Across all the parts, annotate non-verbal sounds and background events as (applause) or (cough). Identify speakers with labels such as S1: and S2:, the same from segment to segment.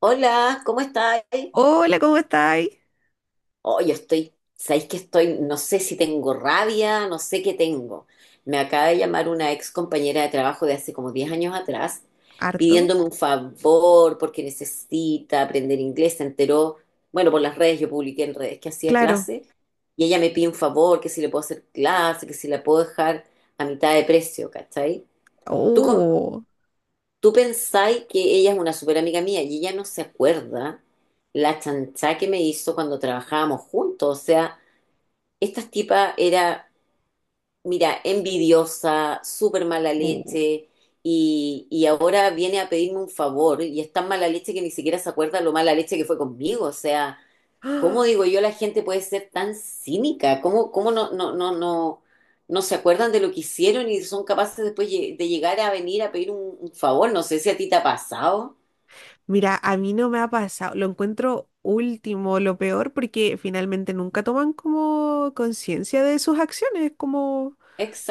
S1: Hola, ¿cómo estáis?
S2: Hola, ¿cómo estáis?
S1: Oh, yo estoy, sabéis que estoy, no sé si tengo rabia, no sé qué tengo. Me acaba de llamar una ex compañera de trabajo de hace como 10 años atrás
S2: Harto,
S1: pidiéndome un favor porque necesita aprender inglés. Se enteró, bueno, por las redes, yo publiqué en redes que hacía
S2: claro.
S1: clase y ella me pide un favor, que si le puedo hacer clase, que si la puedo dejar a mitad de precio, ¿cachai? ¿Tú, com-
S2: Oh,
S1: Tú pensáis que ella es una súper amiga mía y ella no se acuerda la chanchá que me hizo cuando trabajábamos juntos. O sea, esta tipa era, mira, envidiosa, súper mala
S2: oh.
S1: leche y ahora viene a pedirme un favor y es tan mala leche que ni siquiera se acuerda lo mala leche que fue conmigo. O sea,
S2: (gasps)
S1: ¿cómo
S2: ¡Ah!
S1: digo yo la gente puede ser tan cínica? ¿Cómo no, no, no, no, no se acuerdan de lo que hicieron y son capaces después de llegar a venir a pedir un favor? No sé si a ti te ha pasado.
S2: Mira, a mí no me ha pasado. Lo encuentro último, lo peor, porque finalmente nunca toman como conciencia de sus acciones, como,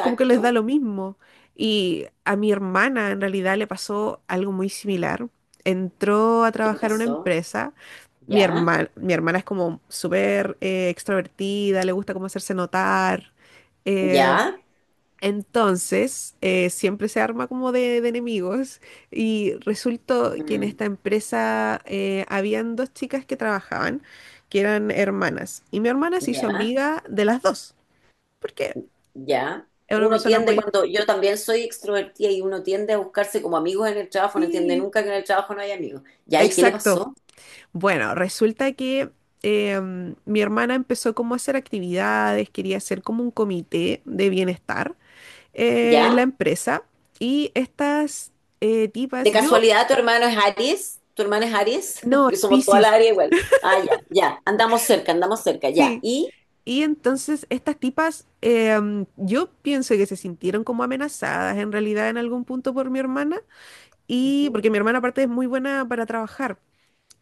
S2: como que les da lo mismo. Y a mi hermana en realidad le pasó algo muy similar. Entró a
S1: ¿Qué le
S2: trabajar a una
S1: pasó?
S2: empresa. Mi
S1: Ya,
S2: hermana, mi hermana es como súper extrovertida, le gusta como hacerse notar. eh,
S1: ya,
S2: Entonces, siempre se arma como de enemigos y resultó que en
S1: mm,
S2: esta empresa habían dos chicas que trabajaban, que eran hermanas, y mi hermana se hizo
S1: ya,
S2: amiga de las dos, porque
S1: ya.
S2: es una
S1: Uno
S2: persona
S1: tiende
S2: muy...
S1: cuando yo también soy extrovertida y uno tiende a buscarse como amigos en el trabajo, no entiende
S2: Sí,
S1: nunca que en el trabajo no hay amigos. Ya, ¿y qué le
S2: exacto.
S1: pasó?
S2: Bueno, resulta que mi hermana empezó como a hacer actividades, quería hacer como un comité de bienestar en la
S1: ¿Ya?
S2: empresa, y estas
S1: ¿De
S2: tipas, yo...
S1: casualidad tu hermano es Aries? ¿Tu hermana es Aries? (laughs)
S2: No,
S1: Porque
S2: es
S1: somos toda la
S2: Piscis.
S1: área igual. Ah, ya, ya. Andamos cerca, ya.
S2: Sí,
S1: ¿Y?
S2: y entonces estas tipas, yo pienso que se sintieron como amenazadas en realidad en algún punto por mi hermana, y porque mi hermana aparte es muy buena para trabajar,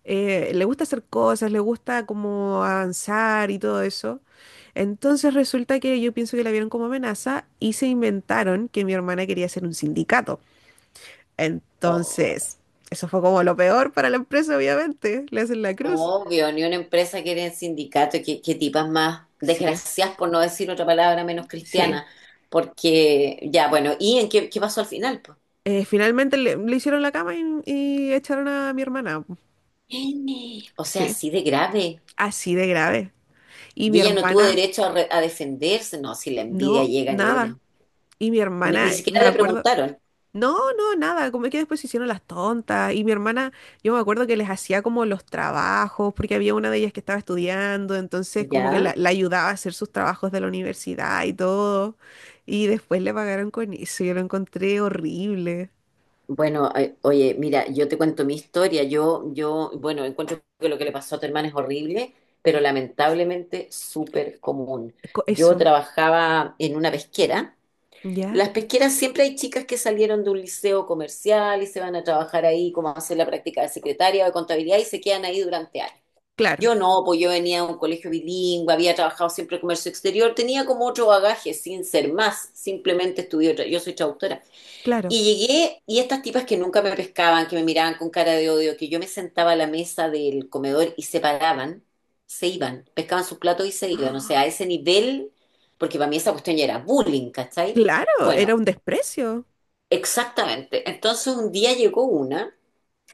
S2: le gusta hacer cosas, le gusta como avanzar y todo eso. Entonces resulta que yo pienso que la vieron como amenaza y se inventaron que mi hermana quería hacer un sindicato.
S1: Ujú.
S2: Entonces, eso fue como lo peor para la empresa, obviamente, le hacen la cruz.
S1: Obvio, ni una empresa quiere el sindicato, que tipas más
S2: Sí,
S1: desgraciadas, por no decir otra palabra menos
S2: sí.
S1: cristiana, porque ya, bueno, ¿y en qué pasó al final pues?
S2: Finalmente le hicieron la cama y echaron a mi hermana.
S1: N. O sea,
S2: Sí,
S1: así de grave.
S2: así de grave. Y
S1: Y
S2: mi
S1: ella no tuvo
S2: hermana,
S1: derecho a, a defenderse, no, si la envidia
S2: no,
S1: llega a
S2: nada.
S1: niveles.
S2: Y mi
S1: Ni
S2: hermana,
S1: siquiera
S2: me
S1: le
S2: acuerdo,
S1: preguntaron.
S2: no, no, nada. Como es que después se hicieron las tontas. Y mi hermana, yo me acuerdo que les hacía como los trabajos, porque había una de ellas que estaba estudiando, entonces como que
S1: Ya,
S2: la ayudaba a hacer sus trabajos de la universidad y todo. Y después le pagaron con eso. Yo lo encontré horrible.
S1: bueno, oye, mira, yo te cuento mi historia. Bueno, encuentro que lo que le pasó a tu hermana es horrible, pero lamentablemente súper común. Yo
S2: Eso,
S1: trabajaba en una pesquera. Las
S2: ¿ya?
S1: pesqueras siempre hay chicas que salieron de un liceo comercial y se van a trabajar ahí como a hacer la práctica de secretaria o de contabilidad y se quedan ahí durante años.
S2: Claro,
S1: Yo no, pues yo venía de un colegio bilingüe, había trabajado siempre en comercio exterior, tenía como otro bagaje sin ser más, simplemente estudié, yo soy traductora.
S2: claro.
S1: Y llegué y estas tipas que nunca me pescaban, que me miraban con cara de odio, que yo me sentaba a la mesa del comedor y se paraban, se iban, pescaban sus platos y se iban, o sea, a
S2: (gasps)
S1: ese nivel, porque para mí esa cuestión ya era bullying, ¿cachai?
S2: Claro,
S1: Bueno,
S2: era un desprecio.
S1: exactamente. Entonces un día llegó una.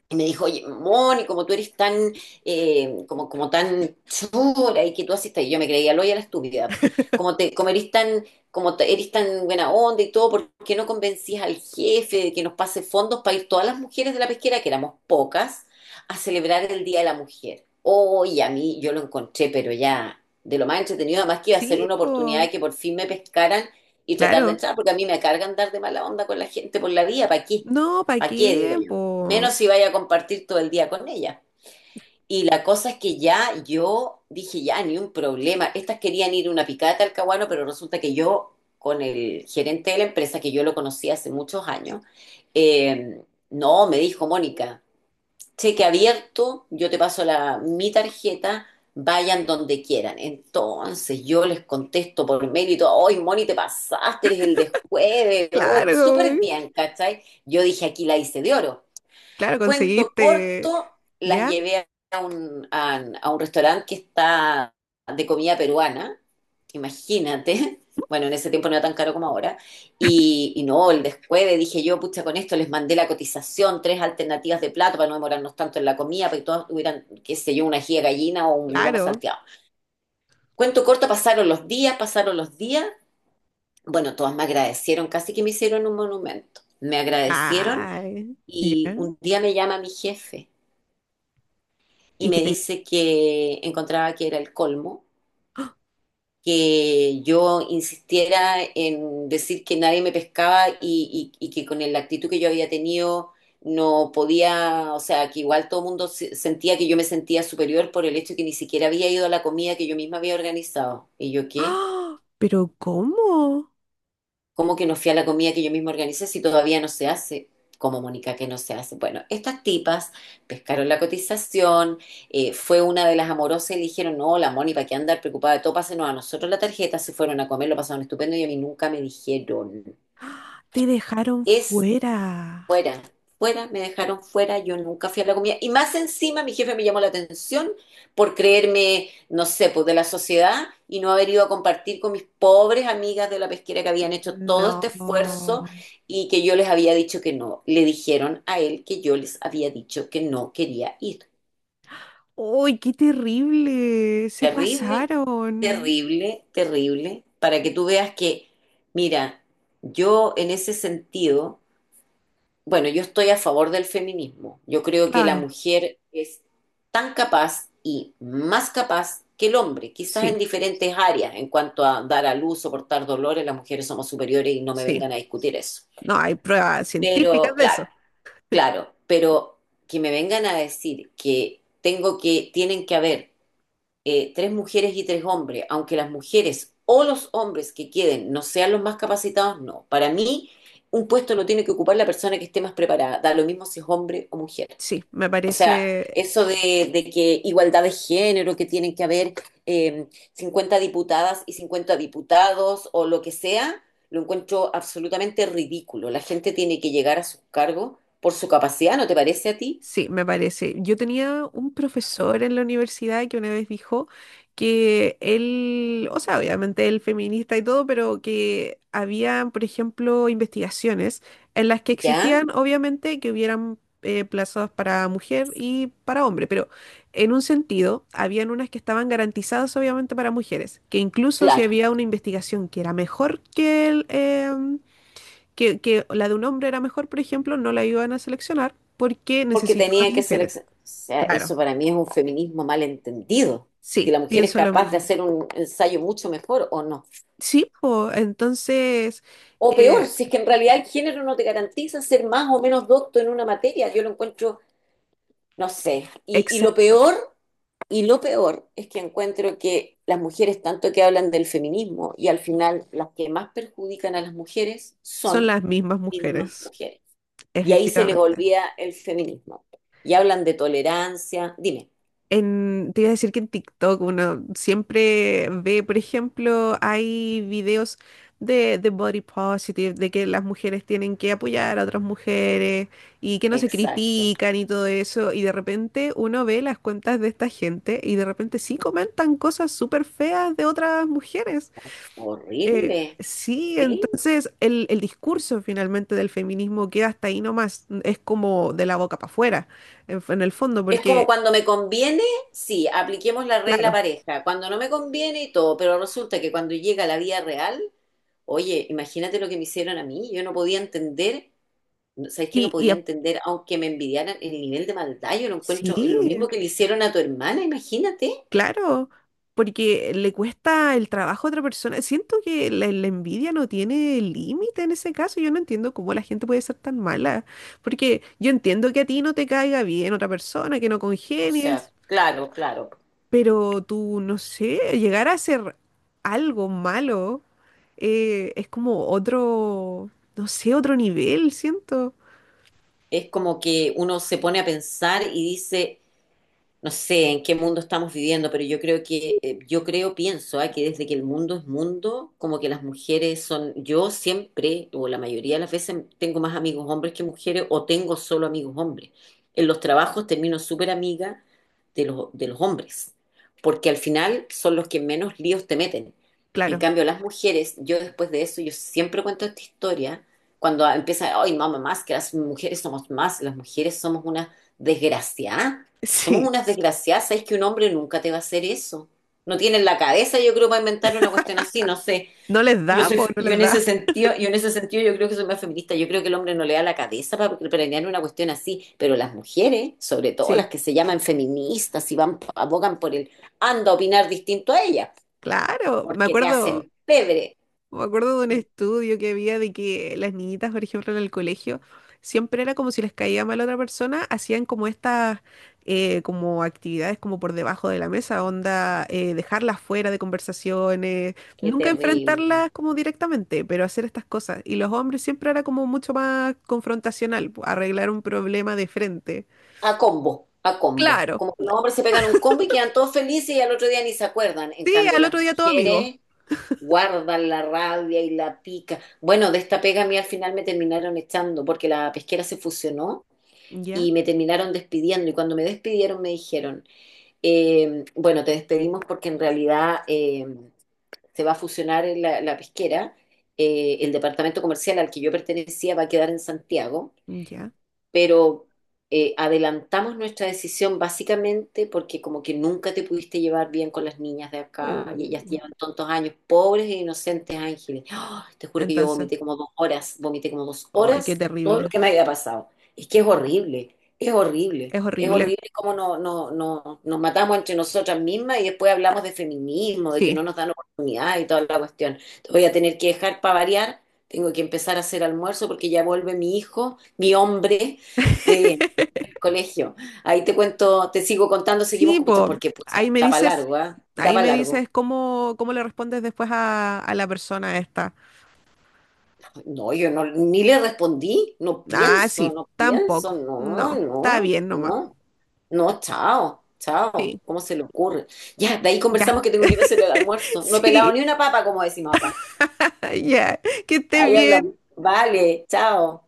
S1: Y me dijo, oye, Moni, como tú eres tan, como, como tan chula y que tú haces, y yo me creía loya la estúpida, po. Como
S2: (laughs)
S1: te, como eres tan, eres tan buena onda y todo, ¿por qué no convencías al jefe de que nos pase fondos para ir todas las mujeres de la pesquera, que éramos pocas, a celebrar el Día de la Mujer? Oye, a mí yo lo encontré, pero ya, de lo más entretenido, además que iba a ser
S2: Sí,
S1: una oportunidad
S2: po,
S1: de que por fin me pescaran y tratar de
S2: claro.
S1: entrar, porque a mí me cargan dar de mala onda con la gente por la vía, ¿para qué?
S2: No, ¿para
S1: ¿Para qué? Digo
S2: qué,
S1: yo
S2: po?
S1: menos si vaya a compartir todo el día con ella. Y la cosa es que ya yo dije, ya, ni un problema. Estas querían ir a una picada de Caguano, pero resulta que yo, con el gerente de la empresa, que yo lo conocí hace muchos años, eh, no, me dijo Mónica, cheque abierto, yo te paso la, mi tarjeta, vayan donde quieran. Entonces yo les contesto por mail y todo, hoy Moni, te pasaste, eres el de jueves, oh,
S2: Claro,
S1: súper bien, ¿cachai? Yo dije, aquí la hice de oro.
S2: claro,
S1: Cuento
S2: conseguiste.
S1: corto, las
S2: ¿Ya?
S1: llevé a un, a un restaurante que está de comida peruana, imagínate. (laughs) Bueno, en ese tiempo no era tan caro como ahora. Y no, el descueve, dije yo, pucha, con esto les mandé la cotización, tres alternativas de plato para no demorarnos tanto en la comida, para que todos tuvieran, qué sé yo, una ají de gallina o un lomo
S2: Claro.
S1: salteado. Cuento corto, pasaron los días, pasaron los días. Bueno, todas me agradecieron, casi que me hicieron un monumento. Me agradecieron
S2: Ay,
S1: y
S2: ¿ya?
S1: un día me llama mi jefe y
S2: ¿Y que
S1: me
S2: te...
S1: dice que encontraba que era el colmo,
S2: (gasps)
S1: que yo insistiera en decir que nadie me pescaba y, y que con la actitud que yo había tenido no podía, o sea, que igual todo el mundo sentía que yo me sentía superior por el hecho de que ni siquiera había ido a la comida que yo misma había organizado. ¿Y yo qué?
S2: ¡Ah! ¿Pero cómo?
S1: ¿Cómo que no fui a la comida que yo misma organicé si todavía no se hace? Como Mónica, que no se hace. Bueno, estas tipas pescaron la cotización, fue una de las amorosas y le dijeron, no, la Mónica, ¿para qué andar preocupada de todo? Pásenos a nosotros la tarjeta, se fueron a comer, lo pasaron estupendo y a mí nunca me dijeron.
S2: Te dejaron
S1: Es
S2: fuera.
S1: Fuera, fuera, me dejaron fuera, yo nunca fui a la comida. Y más encima mi jefe me llamó la atención por creerme, no sé, pues de la sociedad y no haber ido a compartir con mis pobres amigas de la pesquera que habían hecho todo este
S2: No.
S1: esfuerzo y que yo les había dicho que no. Le dijeron a él que yo les había dicho que no quería ir.
S2: ¡Uy, qué terrible! Se
S1: Terrible,
S2: pasaron.
S1: terrible, terrible, para que tú veas que, mira, yo en ese sentido, bueno, yo estoy a favor del feminismo. Yo creo que la
S2: Claro,
S1: mujer es tan capaz y más capaz que el hombre, quizás
S2: sí,
S1: en diferentes áreas, en cuanto a dar a luz, soportar dolores, las mujeres somos superiores y no me
S2: sí.
S1: vengan a discutir eso.
S2: No, hay pruebas científicas
S1: Pero,
S2: de
S1: claro,
S2: eso.
S1: claro, pero que me vengan a decir que tengo que, tienen que haber tres mujeres y tres hombres, aunque las mujeres o los hombres que queden no sean los más capacitados, no. Para mí, un puesto lo tiene que ocupar la persona que esté más preparada, da lo mismo si es hombre o mujer.
S2: Sí, me
S1: O sea,
S2: parece
S1: eso de que igualdad de género, que tienen que haber eh, 50 diputadas y 50 diputados o lo que sea, lo encuentro absolutamente ridículo. La gente tiene que llegar a sus cargos por su capacidad, ¿no te parece a ti?
S2: Sí, me parece. Yo tenía un profesor en la universidad que una vez dijo que él, o sea, obviamente él feminista y todo, pero que había, por ejemplo, investigaciones en las que
S1: ¿Ya?
S2: exigían, obviamente, que hubieran plazas para mujer y para hombre, pero en un sentido, habían unas que estaban garantizadas, obviamente, para mujeres, que incluso si
S1: Claro.
S2: había una investigación que era mejor que la de un hombre era mejor, por ejemplo, no la iban a seleccionar porque
S1: Porque
S2: necesitaban
S1: tenía que
S2: mujeres.
S1: seleccionar. O sea,
S2: Claro,
S1: eso para mí es un feminismo mal entendido. Si
S2: sí,
S1: la mujer es
S2: pienso lo
S1: capaz de
S2: mismo.
S1: hacer un ensayo mucho mejor o no.
S2: Sí, po, entonces,
S1: O peor,
S2: eh,
S1: si es que en realidad el género no te garantiza ser más o menos docto en una materia. Yo lo encuentro, no sé. Y lo
S2: exacto,
S1: peor, y lo peor es que encuentro que las mujeres tanto que hablan del feminismo y al final las que más perjudican a las mujeres
S2: son
S1: son
S2: las mismas
S1: las mismas
S2: mujeres,
S1: mujeres. Y ahí se les
S2: efectivamente.
S1: olvida el feminismo. Y hablan de tolerancia. Dime.
S2: Te iba a decir que en TikTok uno siempre ve, por ejemplo, hay videos de body positive, de que las mujeres tienen que apoyar a otras mujeres y que no se
S1: Exacto.
S2: critican y todo eso. Y de repente uno ve las cuentas de esta gente y de repente sí comentan cosas súper feas de otras mujeres.
S1: Horrible.
S2: Sí,
S1: ¿Sí?
S2: entonces el discurso finalmente del feminismo queda hasta ahí nomás. Es como de la boca para afuera, en el fondo,
S1: Es como
S2: porque,
S1: cuando me conviene, sí, apliquemos la regla
S2: claro.
S1: pareja. Cuando no me conviene y todo, pero resulta que cuando llega la vida real, oye, imagínate lo que me hicieron a mí. Yo no podía entender, ¿sabes qué? No
S2: Y, y
S1: podía entender, aunque me envidiaran el nivel de maldad, yo lo
S2: Sí,
S1: encuentro lo mismo que le hicieron a tu hermana, imagínate.
S2: claro, porque le cuesta el trabajo a otra persona. Siento que la envidia no tiene límite en ese caso. Yo no entiendo cómo la gente puede ser tan mala, porque yo entiendo que a ti no te caiga bien otra persona, que no
S1: O sea,
S2: congenies,
S1: claro, claro.
S2: pero tú, no sé, llegar a hacer algo malo es como otro, no sé, otro nivel, siento.
S1: Es como que uno se pone a pensar y dice no sé en qué mundo estamos viviendo, pero yo creo que, yo creo, pienso, ah, que desde que el mundo es mundo, como que las mujeres son, yo siempre, o la mayoría de las veces, tengo más amigos hombres que mujeres, o tengo solo amigos hombres. En los trabajos termino súper amiga de los hombres, porque al final son los que menos líos te meten. En
S2: Claro,
S1: cambio, las mujeres, yo después de eso, yo siempre cuento esta historia, cuando empieza, ay, mamá, más que las mujeres somos más, las mujeres somos una desgraciada,
S2: (laughs)
S1: somos
S2: sí,
S1: unas desgraciadas, es que un hombre nunca te va a hacer eso. No tienen la cabeza, yo creo, para inventar una cuestión así, no sé.
S2: no les
S1: Yo
S2: da,
S1: soy,
S2: pues no les da.
S1: yo en ese sentido yo creo que soy más feminista. Yo creo que el hombre no le da la cabeza para planear una cuestión así, pero las mujeres, sobre todo
S2: Sí,
S1: las que se llaman feministas y van abogan por el anda a opinar distinto a ellas,
S2: claro, me
S1: porque te
S2: acuerdo.
S1: hacen pebre.
S2: Me acuerdo de un estudio que había de que las niñitas, por ejemplo, en el colegio, siempre era como si les caía mal a otra persona, hacían como estas como actividades como por debajo de la mesa, onda, dejarlas fuera de conversaciones,
S1: Qué
S2: nunca
S1: terrible.
S2: enfrentarlas como directamente, pero hacer estas cosas. Y los hombres siempre era como mucho más confrontacional, arreglar un problema de frente.
S1: A combo, a combo.
S2: Claro,
S1: Como que los hombres se pegan un combo y quedan todos felices y al otro día ni se acuerdan. En
S2: sí,
S1: cambio,
S2: al otro
S1: las
S2: día todo amigo.
S1: mujeres guardan la rabia y la pica. Bueno, de esta pega a mí al final me terminaron echando porque la pesquera se fusionó
S2: Ya,
S1: y me terminaron despidiendo. Y cuando me despidieron me dijeron, bueno, te despedimos porque en realidad se va a fusionar en la pesquera. El departamento comercial al que yo pertenecía va a quedar en Santiago,
S2: ya.
S1: pero adelantamos nuestra decisión básicamente porque como que nunca te pudiste llevar bien con las niñas de acá y ellas
S2: Oh,
S1: llevan tantos años, pobres e inocentes ángeles. ¡Ah! Te juro que yo
S2: entonces,
S1: vomité como 2 horas, vomité como dos
S2: ay, qué
S1: horas todo lo
S2: terrible.
S1: que me había pasado. Es que es horrible, es horrible,
S2: Es
S1: es
S2: horrible.
S1: horrible cómo no, no, no, nos matamos entre nosotras mismas y después hablamos de feminismo, de que
S2: Sí.
S1: no nos dan oportunidad y toda la cuestión. Te voy a tener que dejar para variar. Tengo que empezar a hacer almuerzo porque ya vuelve mi hijo, mi hombre, sí, el colegio. Ahí te cuento, te sigo contando, seguimos
S2: Sí,
S1: con pucha,
S2: pues
S1: porque pucha,
S2: ahí me
S1: da para
S2: dices,
S1: largo, ¿ah? Da
S2: ahí
S1: para
S2: me
S1: largo.
S2: dices cómo le respondes después a la persona esta.
S1: No, yo no, ni le respondí, no
S2: Ah,
S1: pienso,
S2: sí,
S1: no pienso,
S2: tampoco.
S1: no,
S2: No, está
S1: no,
S2: bien nomás.
S1: no, no, chao, chao,
S2: Sí,
S1: ¿cómo se le ocurre? Ya, de ahí
S2: ya.
S1: conversamos que tengo que ir a hacer el
S2: (laughs)
S1: almuerzo. No he pelado
S2: Sí,
S1: ni una papa, como decimos acá.
S2: ya. Que estés
S1: Ahí hablamos.
S2: bien.
S1: Vale, chao.